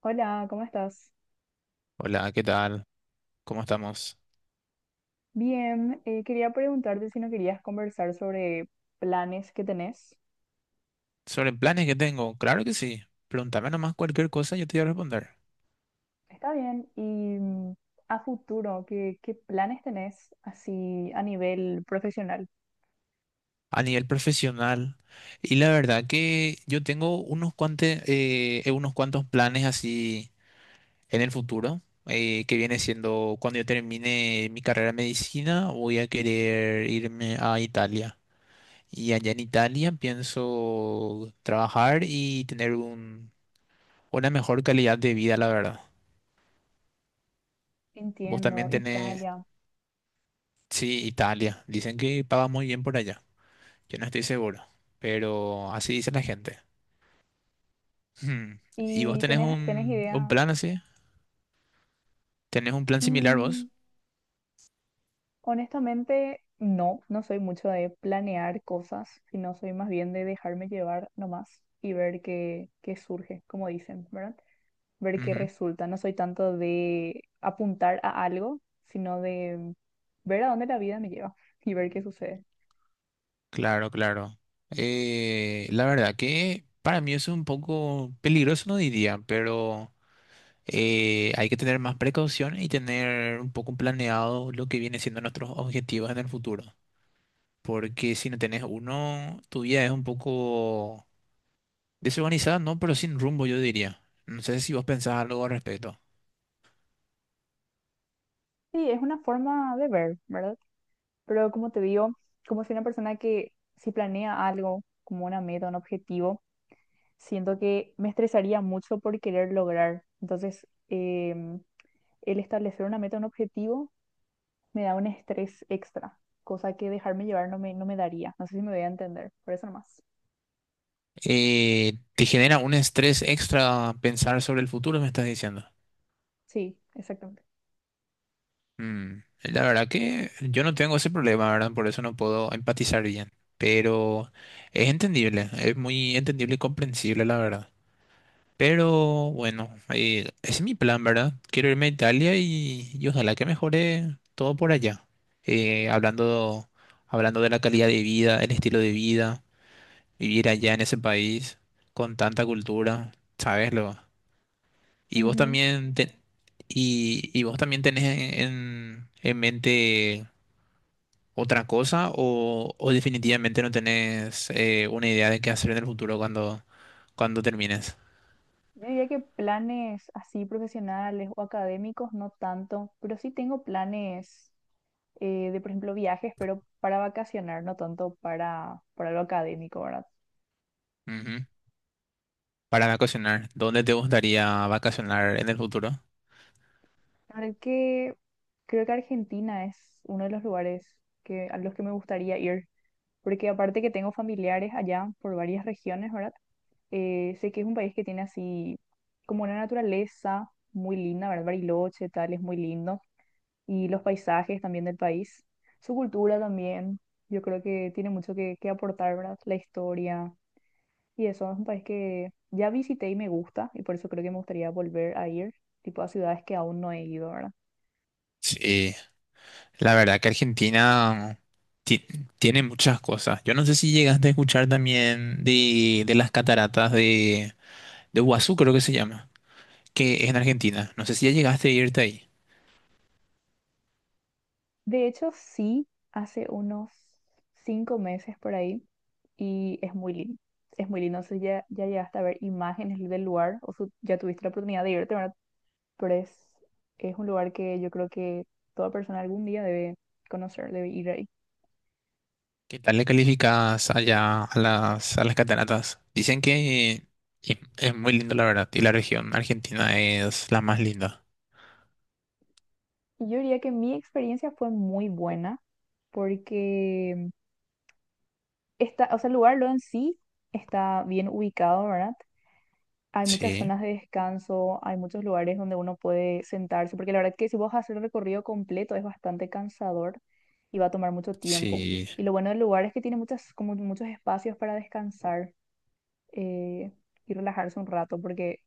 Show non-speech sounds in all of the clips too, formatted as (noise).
Hola, ¿cómo estás? Hola, ¿qué tal? ¿Cómo estamos? Bien, quería preguntarte si no querías conversar sobre planes que tenés. Sobre planes que tengo, claro que sí. Pregúntame nomás cualquier cosa, yo te voy a responder. Está bien, y mm, a futuro, ¿qué planes tenés así a nivel profesional? A nivel profesional, y la verdad que yo tengo unos cuantos planes así en el futuro, que viene siendo cuando yo termine mi carrera de medicina, voy a querer irme a Italia. Y allá en Italia pienso trabajar y tener una mejor calidad de vida, la verdad. ¿Vos también Entiendo, tenés... Italia. Sí, Italia. Dicen que paga muy bien por allá. Yo no estoy seguro, pero así dice la gente. Hmm. ¿Y vos ¿Y tenés tenés un idea? plan así? ¿Tenés un plan similar Mm, vos? honestamente, no, no soy mucho de planear cosas, sino soy más bien de dejarme llevar nomás y ver qué surge, como dicen, ¿verdad? Ver qué Ujú. resulta. No soy tanto de apuntar a algo, sino de ver a dónde la vida me lleva (laughs) y ver qué sucede. Claro, claro. La verdad que para mí eso es un poco peligroso, no diría, pero hay que tener más precaución y tener un poco planeado lo que viene siendo nuestros objetivos en el futuro. Porque si no tenés uno, tu vida es un poco desorganizada no, pero sin rumbo, yo diría. No sé si vos pensás algo al respecto. Sí, es una forma de ver, ¿verdad? Pero como te digo, como soy una persona que si planea algo como una meta, un objetivo, siento que me estresaría mucho por querer lograr. Entonces, em, el establecer una meta, un objetivo, me da un estrés extra, cosa que dejarme llevar no me, no me daría. No sé si me voy a entender, por eso nomás. ¿Te genera un estrés extra pensar sobre el futuro, me estás diciendo? Sí, exactamente. Mm, la verdad que yo no tengo ese problema, ¿verdad? Por eso no puedo empatizar bien. Pero es entendible, es muy entendible y comprensible, la verdad. Pero bueno, ese es mi plan, ¿verdad? Quiero irme a Italia y ojalá que mejore todo por allá. Eh, hablando, hablando de la calidad de vida, el estilo de vida, vivir allá en ese país con tanta cultura, ¿sabes? Y vos Ujú. también y vos también tenés en mente otra cosa o definitivamente no tenés una idea de qué hacer en el futuro cuando, cuando termines. Yo diría que planes así profesionales o académicos no tanto, pero sí tengo planes de, por ejemplo, viajes, pero para vacacionar, no tanto para lo académico, ¿verdad? Ujú. Para vacacionar, ¿dónde te gustaría vacacionar en el futuro? La verdad que creo que Argentina es uno de los lugares que, a los que me gustaría ir, porque aparte que tengo familiares allá por varias regiones, ¿verdad? Sé que es un país que tiene así como una naturaleza muy linda, ¿verdad? Bariloche, tal, es muy lindo y los paisajes también del país, su cultura también. Yo creo que tiene mucho que aportar, ¿verdad? La historia y eso es un país que ya visité y me gusta y por eso creo que me gustaría volver a ir, tipo a ciudades que aún no he ido, ¿verdad? Sí, la verdad que Argentina ti- tiene muchas cosas. Yo no sé si llegaste a escuchar también de las cataratas de Guazú creo que se llama, que es en Argentina. No sé si ya llegaste a irte ahí. De hecho, sí, hace unos 5 meses por ahí y es muy lindo. Es muy lindo, no sé, ya llegaste a ver imágenes del lugar o su- ya tuviste la oportunidad de irte, ¿verdad? Pero es un lugar que yo creo que toda persona algún día debe conocer, debe ir, a. ¿Qué tal le calificas allá a las cataratas? Dicen que es muy lindo, la verdad, y la región argentina es la más linda. Y yo diría que mi experiencia fue muy buena porque está, o sea, el lugar lo en sí está bien ubicado, ¿verdad? Hay muchas Sí, zonas de descanso, hay muchos lugares donde uno puede sentarse, porque la verdad que si vos haces el recorrido completo es bastante cansador y va a tomar mucho tiempo. sí, Y lo bueno del lugar es que tiene muchas, como muchos espacios para descansar eh, y relajarse un rato, porque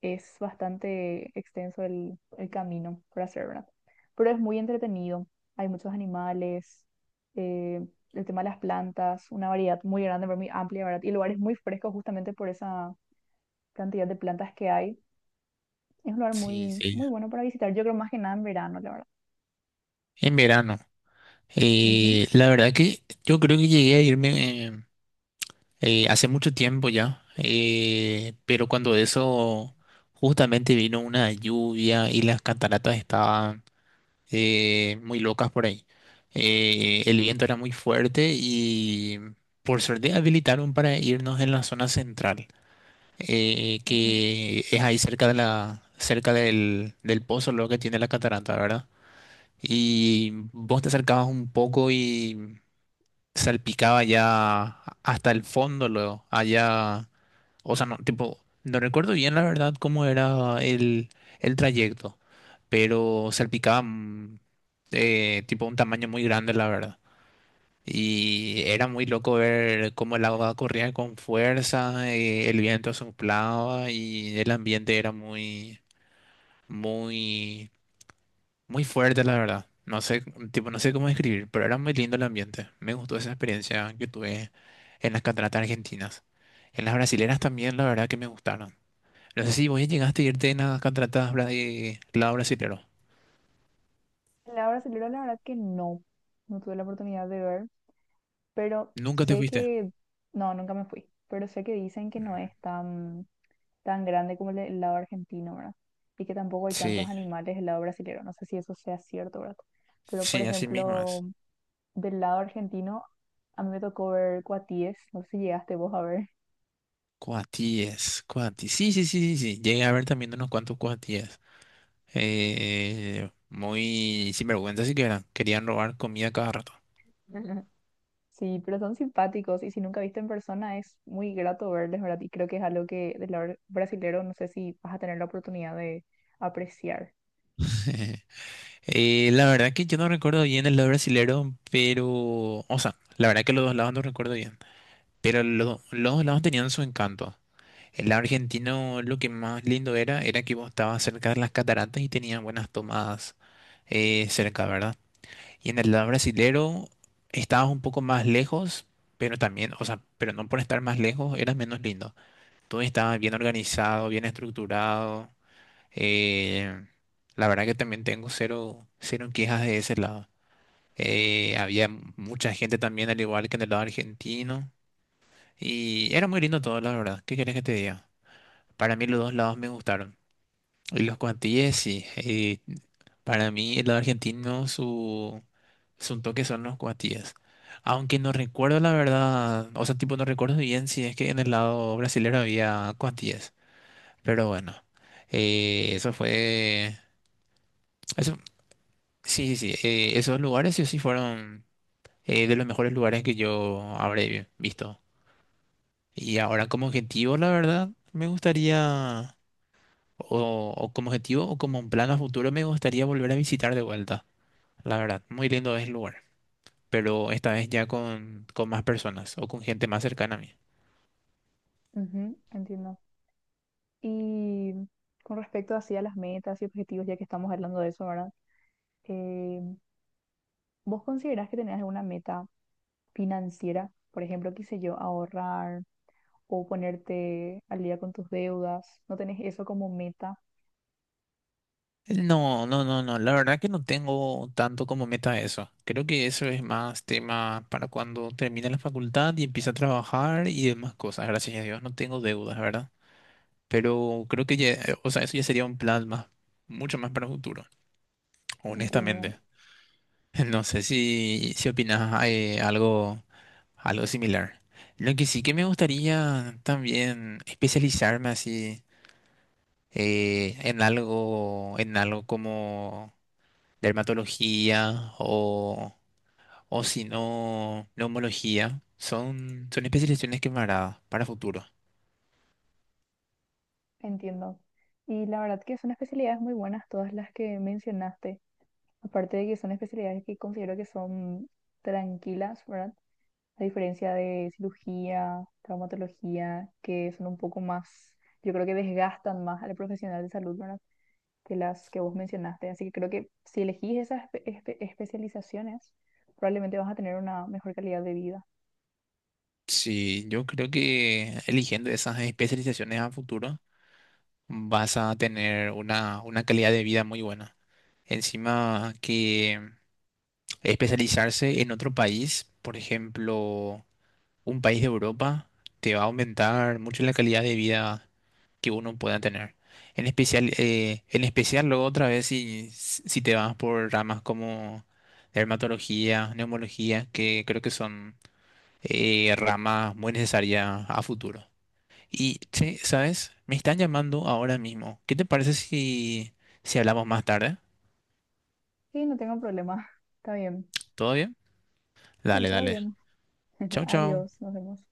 es bastante extenso el camino para hacer, ¿verdad? Pero es muy entretenido, hay muchos animales, eh, el tema de las plantas, una variedad muy grande, pero muy amplia, ¿verdad? Y lugares muy frescos justamente por esa cantidad de plantas que hay. Es un lugar sí, muy, sí. muy bueno para visitar, yo creo más que nada en verano, la verdad. En verano. Ujú, La verdad que yo creo que llegué a irme hace mucho tiempo ya, pero cuando eso justamente vino una lluvia y las cataratas estaban muy locas por ahí. El viento era muy fuerte y por suerte habilitaron para irnos en la zona central, ujú. que es ahí cerca de la, cerca del, del pozo lo que tiene la catarata, ¿verdad? Y vos te acercabas un poco y salpicaba ya hasta el fondo luego, allá. O sea, no, tipo, no recuerdo bien la verdad cómo era el trayecto, pero salpicaba tipo un tamaño muy grande, la verdad. Y era muy loco ver cómo el agua corría con fuerza, el viento soplaba y el ambiente era muy, muy, muy fuerte, la verdad. No sé, tipo, no sé cómo describir, pero era muy lindo el ambiente. Me gustó esa experiencia que tuve en las cataratas argentinas. En las brasileras también, la verdad que me gustaron. No sé si vos ya llegaste a irte en las cataratas de lado brasilero. La hora Celero, la verdad que no, no tuve la oportunidad de ver, pero Nunca te sé fuiste. que, no, nunca me fui, pero sé que dicen que no Mm, es tan tan grande como el, de- el lado argentino, ¿verdad? Y que tampoco hay tantos sí, animales del lado brasileño. No sé si eso sea cierto, ¿verdad? Pero, por sí, así mismo ejemplo, es. del lado argentino, a mí me tocó ver cuatíes. No sé si llegaste vos a ver. Cuatíes, cuatíes. Sí, sí, sí, sí, sí. Llegué a ver también unos cuantos cuatíes. Muy sinvergüenza sí que eran. Querían robar comida cada rato. (laughs) Sí, pero son simpáticos y si nunca viste en persona es muy grato verles, ¿verdad? Y creo que es algo que del lado brasilero no sé si vas a tener la oportunidad de apreciar. (laughs) La verdad que yo no recuerdo bien el lado brasilero, pero... O sea, la verdad que los dos lados no recuerdo bien. Pero los dos lados tenían su encanto. El argentino lo que más lindo era, era que vos estabas cerca de las cataratas y tenías buenas tomadas cerca, ¿verdad? Y en el lado brasilero estabas un poco más lejos, pero también, o sea, pero no por estar más lejos, era menos lindo. Todo estaba bien organizado, bien estructurado. eh, la verdad que también tengo cero, cero quejas de ese lado. Había mucha gente también, al igual que en el lado argentino. Y era muy lindo todo, la verdad. ¿Qué quieres que te diga? Para mí los dos lados me gustaron. Y los cuantilles, sí. Para mí, el lado argentino, su toque son los cuatillas. Aunque no recuerdo la verdad, o sea, tipo, no recuerdo bien si es que en el lado brasilero había cuatillas. Pero bueno, eso fue. Eso, sí, sí, sí. Esos lugares sí o sí fueron de los mejores lugares que yo habré visto. Y ahora, como objetivo, la verdad, me gustaría. O como objetivo o como un plan a futuro, me gustaría volver a visitar de vuelta. La verdad, muy lindo es el lugar, pero esta vez ya con más personas o con gente más cercana a mí. Ujú, entiendo. Y con respecto así a las metas y objetivos, ya que estamos hablando de eso, ¿verdad? Eh, ¿Vos considerás que tenés alguna meta financiera, por ejemplo, qué sé yo, ahorrar o ponerte al día con tus deudas, no tenés eso como meta, No, no, no, no, la verdad que no tengo tanto como meta eso. Creo que eso es más tema para cuando termine la facultad y empiece a trabajar y demás cosas. Gracias a Dios no tengo deudas, ¿verdad? Pero creo que ya, o sea, eso ya sería un plan más, mucho más para el futuro, entiendo, honestamente. (laughs) No sé si, si opinas algo algo similar. Lo que sí que me gustaría también especializarme así en algo como dermatología o si no, neumología. Son, son especializaciones que me agradan para futuro. entiendo. Y la verdad que son especialidades muy buenas todas las que mencionaste, aparte de que son especialidades que considero que son tranquilas, ¿verdad? A diferencia de cirugía, traumatología, que son un poco más, yo creo que desgastan más al profesional de salud, ¿verdad? Que las que vos mencionaste. Así que creo que si elegís esas espe- espe- especializaciones, probablemente vas a tener una mejor calidad de vida. Sí, yo creo que eligiendo esas especializaciones a futuro vas a tener una calidad de vida muy buena. Encima que especializarse en otro país, por ejemplo, un país de Europa te va a aumentar mucho la calidad de vida que uno pueda tener. En especial luego otra vez si, si te vas por ramas como dermatología, neumología, que creo que son ramas muy necesarias a futuro. Y, che, ¿sabes? Me están llamando ahora mismo. ¿Qué te parece si, si hablamos más tarde? Sí, no tengo problema. (laughs) Está bien. ¿Todo bien? Sí, Dale, todo dale. bien. (laughs) Chao, chao. Adiós, nos vemos.